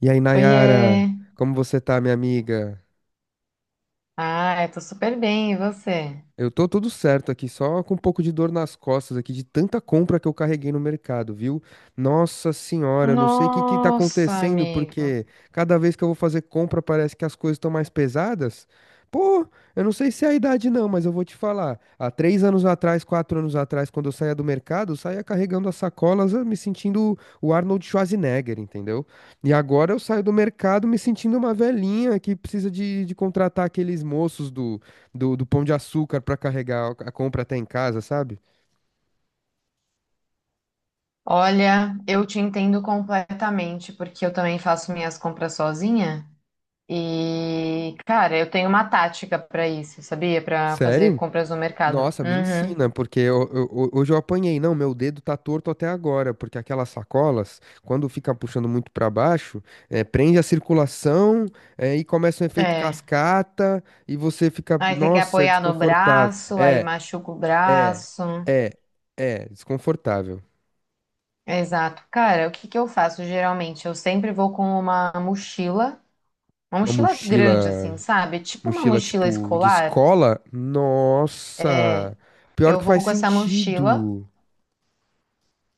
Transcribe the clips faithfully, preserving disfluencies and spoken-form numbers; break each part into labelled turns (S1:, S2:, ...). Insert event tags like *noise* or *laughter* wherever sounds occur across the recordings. S1: E aí,
S2: Oiê!
S1: Nayara, como você tá, minha amiga?
S2: Ah, eu tô super bem, e você?
S1: Eu tô tudo certo aqui, só com um pouco de dor nas costas aqui, de tanta compra que eu carreguei no mercado, viu? Nossa senhora, eu não sei o que que tá
S2: Nossa,
S1: acontecendo,
S2: amigo.
S1: porque cada vez que eu vou fazer compra parece que as coisas estão mais pesadas. Pô, eu não sei se é a idade não, mas eu vou te falar. Há três anos atrás, quatro anos atrás, quando eu saía do mercado, eu saía carregando as sacolas, eh, me sentindo o Arnold Schwarzenegger, entendeu? E agora eu saio do mercado me sentindo uma velhinha que precisa de, de contratar aqueles moços do, do Pão de Açúcar pra carregar a compra até em casa, sabe?
S2: Olha, eu te entendo completamente, porque eu também faço minhas compras sozinha. E, cara, eu tenho uma tática pra isso, sabia? Pra fazer
S1: Sério?
S2: compras no mercado.
S1: Nossa, me
S2: Uhum.
S1: ensina, porque eu- eu- eu- hoje eu apanhei. Não, meu dedo tá torto até agora, porque aquelas sacolas, quando fica puxando muito pra baixo, eh, prende a circulação, eh, e começa um efeito
S2: É.
S1: cascata, e você fica.
S2: Aí você quer
S1: Nossa, é
S2: apoiar no
S1: desconfortável.
S2: braço, aí
S1: É,
S2: machuca o
S1: é,
S2: braço.
S1: é, é, desconfortável.
S2: Exato. Cara, o que que eu faço geralmente? Eu sempre vou com uma mochila, uma
S1: Uma
S2: mochila
S1: mochila,
S2: grande, assim, sabe? Tipo uma
S1: mochila
S2: mochila
S1: tipo de
S2: escolar.
S1: escola? Nossa, pior
S2: Eu
S1: que
S2: vou
S1: faz
S2: com essa mochila.
S1: sentido.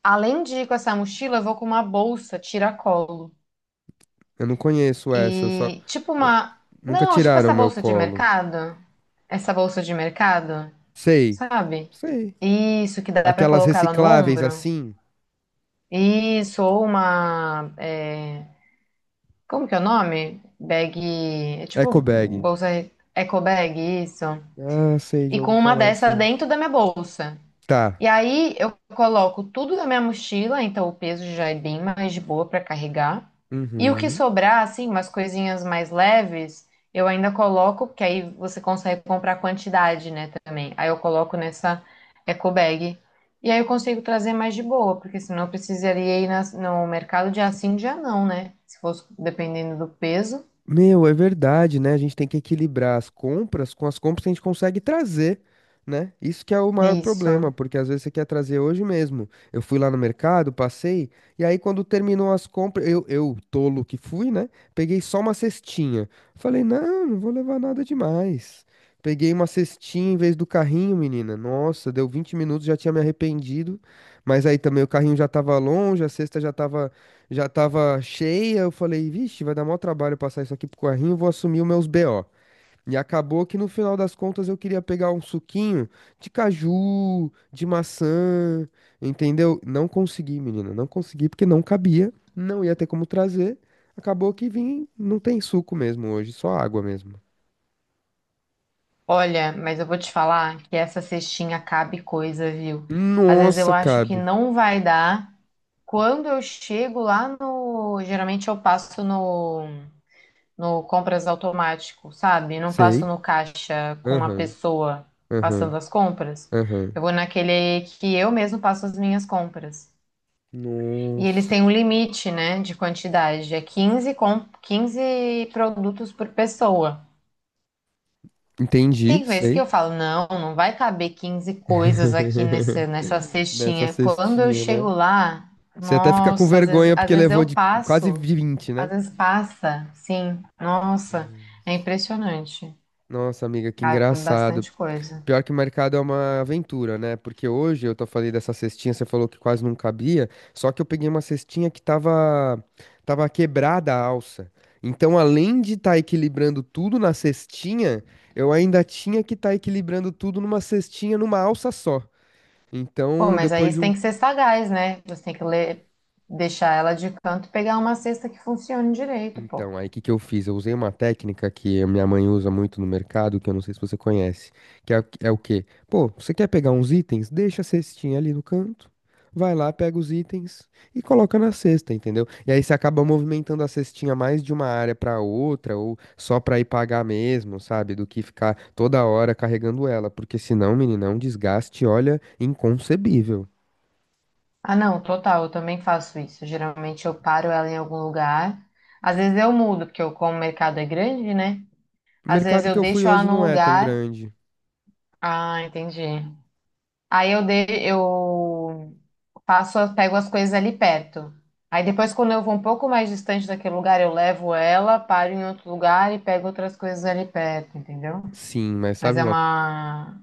S2: Além de ir com essa mochila, eu vou com uma bolsa tiracolo.
S1: Eu não conheço essa, eu só.
S2: E tipo
S1: eu-
S2: uma.
S1: Nunca
S2: Não, tipo
S1: tiraram
S2: essa
S1: meu
S2: bolsa de
S1: colo.
S2: mercado. Essa bolsa de mercado,
S1: Sei,
S2: sabe?
S1: sei.
S2: Isso, que dá pra
S1: Aquelas
S2: colocar ela no
S1: recicláveis
S2: ombro.
S1: assim,
S2: Isso, ou uma. é, Como que é o nome? Bag. É tipo
S1: eco bag.
S2: bolsa eco bag, isso.
S1: Ah, sei, já
S2: E
S1: ouvi
S2: com uma
S1: falar
S2: dessa
S1: assim.
S2: dentro da minha bolsa.
S1: Tá.
S2: E aí eu coloco tudo na minha mochila, então o peso já é bem mais de boa para carregar. E o que
S1: Uhum.
S2: sobrar, assim, umas coisinhas mais leves, eu ainda coloco, porque aí você consegue comprar quantidade, né, também. Aí eu coloco nessa eco bag. E aí eu consigo trazer mais de boa, porque senão eu precisaria ir nas- no mercado dia sim, dia não, né? Se fosse dependendo do peso.
S1: Meu, é verdade, né? A gente tem que equilibrar as compras com as compras que a gente consegue trazer, né? Isso que é o
S2: É
S1: maior
S2: isso.
S1: problema, porque às vezes você quer trazer hoje mesmo. Eu fui lá no mercado, passei, e aí quando terminou as compras, eu, eu, tolo que fui, né? Peguei só uma cestinha. Falei, não, não vou levar nada demais. Peguei uma cestinha em vez do carrinho, menina. Nossa, deu vinte minutos, já tinha me arrependido. Mas aí também o carrinho já tava longe, a cesta já tava já tava cheia. Eu falei, vixe, vai dar maior trabalho passar isso aqui pro carrinho, vou assumir os meus B O. E acabou que no final das contas eu queria pegar um suquinho de caju, de maçã, entendeu? Não consegui, menina, não consegui porque não cabia, não ia ter como trazer. Acabou que vim, não tem suco mesmo hoje, só água mesmo.
S2: Olha, mas eu vou te falar que essa cestinha cabe coisa, viu? Às vezes eu
S1: Nossa,
S2: acho que
S1: cabe.
S2: não vai dar. Quando eu chego lá no. Geralmente eu passo no, no compras automático, sabe? Não passo
S1: Sei.
S2: no caixa com uma
S1: Aham,
S2: pessoa
S1: aham,
S2: passando as compras.
S1: aham.
S2: Eu vou naquele que eu mesmo passo as minhas compras. E eles
S1: Nossa.
S2: têm um limite, né, de quantidade. É quinze com, quinze produtos por pessoa.
S1: Entendi,
S2: Tem vezes que
S1: sei.
S2: eu falo, não, não vai caber quinze coisas aqui nesse,
S1: *laughs*
S2: nessa
S1: Nessa
S2: cestinha. Quando eu
S1: cestinha,
S2: chego
S1: né?
S2: lá,
S1: Você até fica com
S2: nossa, às vezes,
S1: vergonha
S2: às
S1: porque
S2: vezes
S1: levou
S2: eu
S1: de quase
S2: passo,
S1: vinte,
S2: às
S1: né?
S2: vezes passa, sim. Nossa, é impressionante.
S1: Nossa, amiga, que
S2: Cabe
S1: engraçado.
S2: bastante coisa.
S1: Pior que o mercado é uma aventura, né? Porque hoje eu tô falando dessa cestinha, você falou que quase não cabia, só que eu peguei uma cestinha que tava, tava quebrada a alça. Então, além de estar equilibrando tudo na cestinha, eu ainda tinha que estar equilibrando tudo numa cestinha, numa alça só.
S2: Pô,
S1: Então,
S2: mas aí
S1: depois
S2: você
S1: de um.
S2: tem que ser sagaz, né? Você tem que ler, deixar ela de canto e pegar uma cesta que funcione direito, pô.
S1: Então, aí o que que eu fiz? Eu usei uma técnica que a minha mãe usa muito no mercado, que eu não sei se você conhece, que é, o- é o quê? Pô, você quer pegar uns itens? Deixa a cestinha ali no canto, vai lá, pega os itens e coloca na cesta, entendeu? E aí você acaba movimentando a cestinha mais de uma área para outra, ou só para ir pagar mesmo, sabe? Do que ficar toda hora carregando ela, porque senão, menina, é um desgaste, olha, inconcebível.
S2: Ah, não, total, eu também faço isso. Geralmente eu paro ela em algum lugar. Às vezes eu mudo, porque eu, como o mercado é grande, né?
S1: O
S2: Às vezes
S1: mercado
S2: eu
S1: que eu fui
S2: deixo ela
S1: hoje
S2: num
S1: não é tão
S2: lugar.
S1: grande.
S2: Ah, entendi. Aí eu, de... eu faço, pego as coisas ali perto. Aí depois, quando eu vou um pouco mais distante daquele lugar, eu levo ela, paro em outro lugar e pego outras coisas ali perto, entendeu?
S1: Sim, mas
S2: Mas
S1: sabe
S2: é
S1: uma
S2: uma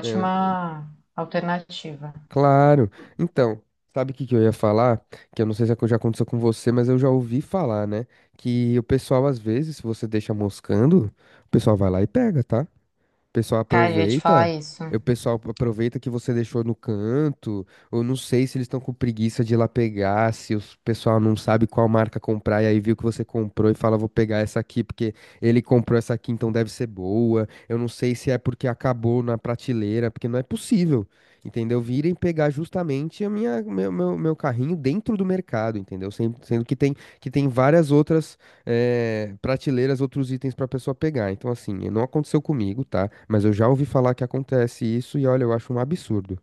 S1: coisa?
S2: alternativa.
S1: Claro. Então, sabe o que que eu ia falar? Que eu não sei se já aconteceu com você, mas eu já ouvi falar, né? Que o pessoal, às vezes, se você deixa moscando, o pessoal vai lá e pega, tá? O pessoal
S2: Cara, eu ia te falar
S1: aproveita,
S2: isso.
S1: o pessoal aproveita que você deixou no canto. Eu não sei se eles estão com preguiça de ir lá pegar, se o pessoal não sabe qual marca comprar e aí viu que você comprou e fala, vou pegar essa aqui porque ele comprou essa aqui, então deve ser boa. Eu não sei se é porque acabou na prateleira, porque não é possível, entendeu? Virem pegar justamente a minha, meu, meu, meu carrinho dentro do mercado, entendeu? Sem- Sendo que tem, que tem, várias outras é, prateleiras, outros itens pra pessoa pegar. Então, assim, não aconteceu comigo, tá? Mas eu já ouvi falar que acontece isso e olha, eu acho um absurdo.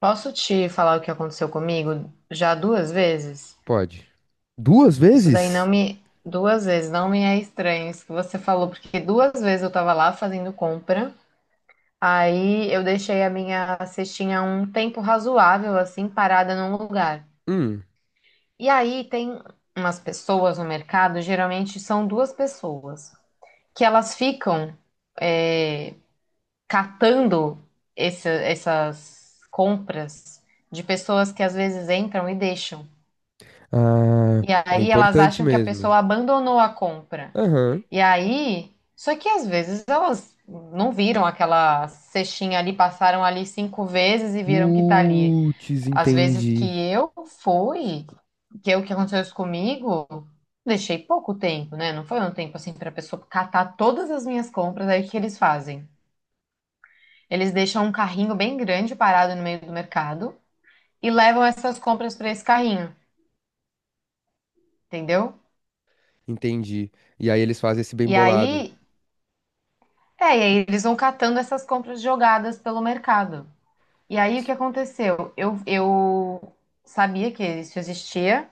S2: Posso te falar o que aconteceu comigo já duas vezes?
S1: Pode. Duas
S2: Isso daí não
S1: vezes?
S2: me. Duas vezes, não me é estranho isso que você falou, porque duas vezes eu tava lá fazendo compra, aí eu deixei a minha cestinha um tempo razoável, assim, parada num lugar.
S1: Hum.
S2: E aí tem umas pessoas no mercado, geralmente são duas pessoas, que elas ficam é, catando essa- essas compras de pessoas que às vezes entram e deixam.
S1: Ah,
S2: E
S1: é
S2: aí elas
S1: importante
S2: acham que a
S1: mesmo.
S2: pessoa abandonou a compra.
S1: Aham.
S2: E aí, só que às vezes elas não viram aquela cestinha ali, passaram ali cinco vezes e viram que tá ali.
S1: Putz,
S2: Às vezes que
S1: entendi.
S2: eu fui, que é o que aconteceu isso comigo, deixei pouco tempo, né? Não foi um tempo assim para pessoa catar todas as minhas compras, aí o que eles fazem? Eles deixam um carrinho bem grande parado no meio do mercado e levam essas compras para esse carrinho, entendeu?
S1: Entendi. E aí eles fazem esse bem
S2: E
S1: bolado.
S2: aí, é, e aí eles vão catando essas compras jogadas pelo mercado. E aí o que aconteceu? Eu, eu sabia que isso existia,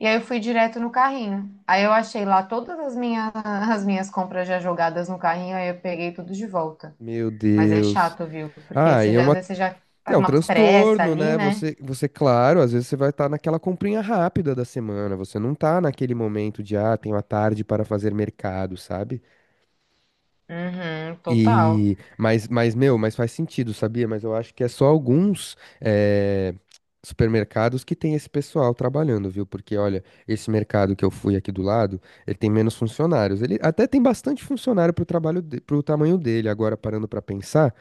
S2: e aí eu fui direto no carrinho. Aí eu achei lá todas as minhas, *laughs* as minhas compras já jogadas no carrinho, aí eu peguei tudo de volta.
S1: Meu
S2: Mas é
S1: Deus.
S2: chato, viu? Porque
S1: Ah, e
S2: você
S1: é
S2: já, às
S1: uma.
S2: vezes você já tá
S1: É
S2: com
S1: um
S2: uma pressa
S1: transtorno,
S2: ali,
S1: né?
S2: né?
S1: Você, você, claro, às vezes você vai estar naquela comprinha rápida da semana, você não tá naquele momento de, ah, tenho a tarde para fazer mercado, sabe?
S2: Uhum, total.
S1: E, mas, mas, meu, mas faz sentido, sabia? Mas eu acho que é só alguns eh, supermercados que tem esse pessoal trabalhando, viu? Porque, olha, esse mercado que eu fui aqui do lado, ele tem menos funcionários. Ele até tem bastante funcionário pro trabalho, de, pro tamanho dele. Agora, parando pra pensar,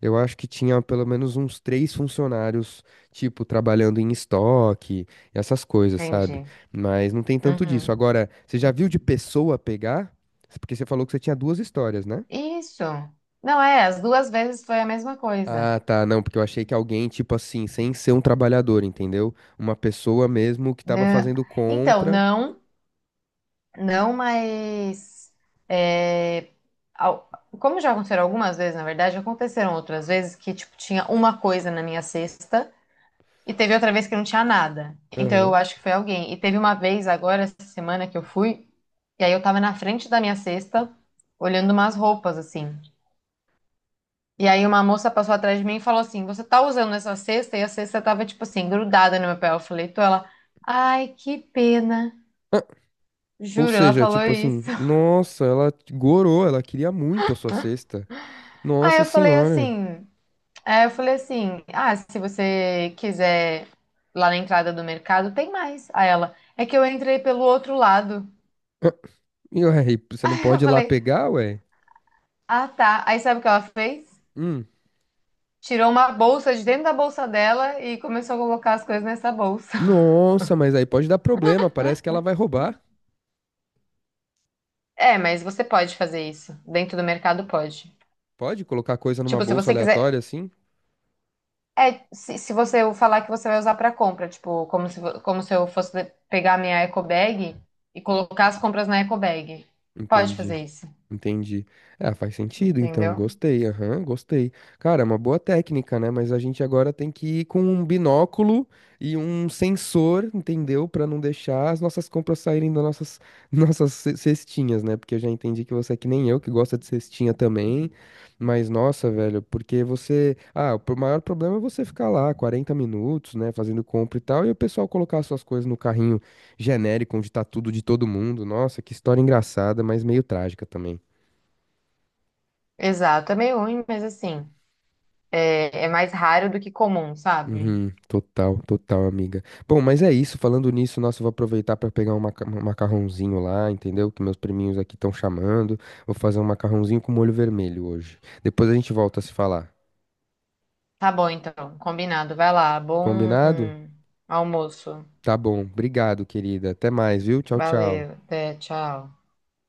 S1: eu acho que tinha pelo menos uns três funcionários, tipo, trabalhando em estoque, essas coisas, sabe?
S2: Entendi.
S1: Mas não tem tanto disso.
S2: Uhum.
S1: Agora, você já viu de pessoa pegar? Porque você falou que você tinha duas histórias, né?
S2: Isso. Não é, as duas vezes foi a mesma coisa.
S1: Ah, tá, não, porque eu achei que alguém, tipo assim, sem ser um trabalhador, entendeu? Uma pessoa mesmo que tava
S2: Né?
S1: fazendo
S2: Então,
S1: contra.
S2: não. Não, mas é, ao- como já aconteceram algumas vezes, na verdade, aconteceram outras vezes que tipo tinha uma coisa na minha cesta e teve outra vez que não tinha nada. Então
S1: Aham.
S2: eu acho que foi alguém. E teve uma vez agora essa semana que eu fui e aí eu tava na frente da minha cesta olhando umas roupas assim. E aí uma moça passou atrás de mim e falou assim: "Você tá usando essa cesta?" E a cesta tava tipo assim grudada no meu pé. Eu falei, "Tô". Ela: "Ai, que pena".
S1: Ah, ou
S2: Juro, ela
S1: seja,
S2: falou
S1: tipo assim,
S2: isso. *laughs*
S1: nossa, ela gorou, ela queria muito a sua cesta.
S2: Aí
S1: Nossa
S2: eu falei
S1: senhora.
S2: assim. Aí eu falei assim: ah, se você quiser lá na entrada do mercado, tem mais. Aí ela, é que eu entrei pelo outro lado.
S1: Ah, e ué, e você não
S2: *laughs* Eu
S1: pode ir lá
S2: falei,
S1: pegar, ué?
S2: ah, tá. Aí sabe o que ela fez?
S1: Hum.
S2: Tirou uma bolsa de dentro da bolsa dela e começou a colocar as coisas nessa bolsa. *laughs*
S1: Nossa, mas aí pode dar problema, parece que ela vai roubar.
S2: É, mas você pode fazer isso. Dentro do mercado pode.
S1: Pode colocar coisa numa
S2: Tipo, se
S1: bolsa
S2: você
S1: aleatória
S2: quiser.
S1: assim?
S2: É, se, se você falar que você vai usar pra compra, tipo, como se, vo- como se eu fosse de- pegar minha eco bag e colocar as compras na eco bag. Pode
S1: Entendi.
S2: fazer isso,
S1: Entendi. Ah, faz sentido, então.
S2: entendeu?
S1: Gostei, aham, gostei. Cara, é uma boa técnica, né? Mas a gente agora tem que ir com um binóculo e um sensor, entendeu? Pra não deixar as nossas compras saírem das nossas, *laughs* nossas ce- cestinhas, né? Porque eu já entendi que você é que nem eu, que gosta de cestinha também. Mas, nossa, velho, porque você. Ah, o pro- maior problema é você ficar lá quarenta minutos, né? Fazendo compra e tal, e o pessoal colocar suas coisas no carrinho genérico, onde tá tudo de todo mundo. Nossa, que história engraçada, mas meio trágica também.
S2: Exato, é meio ruim, mas assim, é, é mais raro do que comum, sabe?
S1: Uhum, total, total, amiga. Bom, mas é isso. Falando nisso, nossa, eu vou aproveitar para pegar um maca- um macarrãozinho lá, entendeu? Que meus priminhos aqui estão chamando. Vou fazer um macarrãozinho com molho vermelho hoje. Depois a gente volta a se falar.
S2: Tá bom, então, combinado. Vai lá, bom
S1: Combinado?
S2: almoço.
S1: Tá bom. Obrigado, querida. Até mais, viu? Tchau, tchau.
S2: Valeu, até, tchau.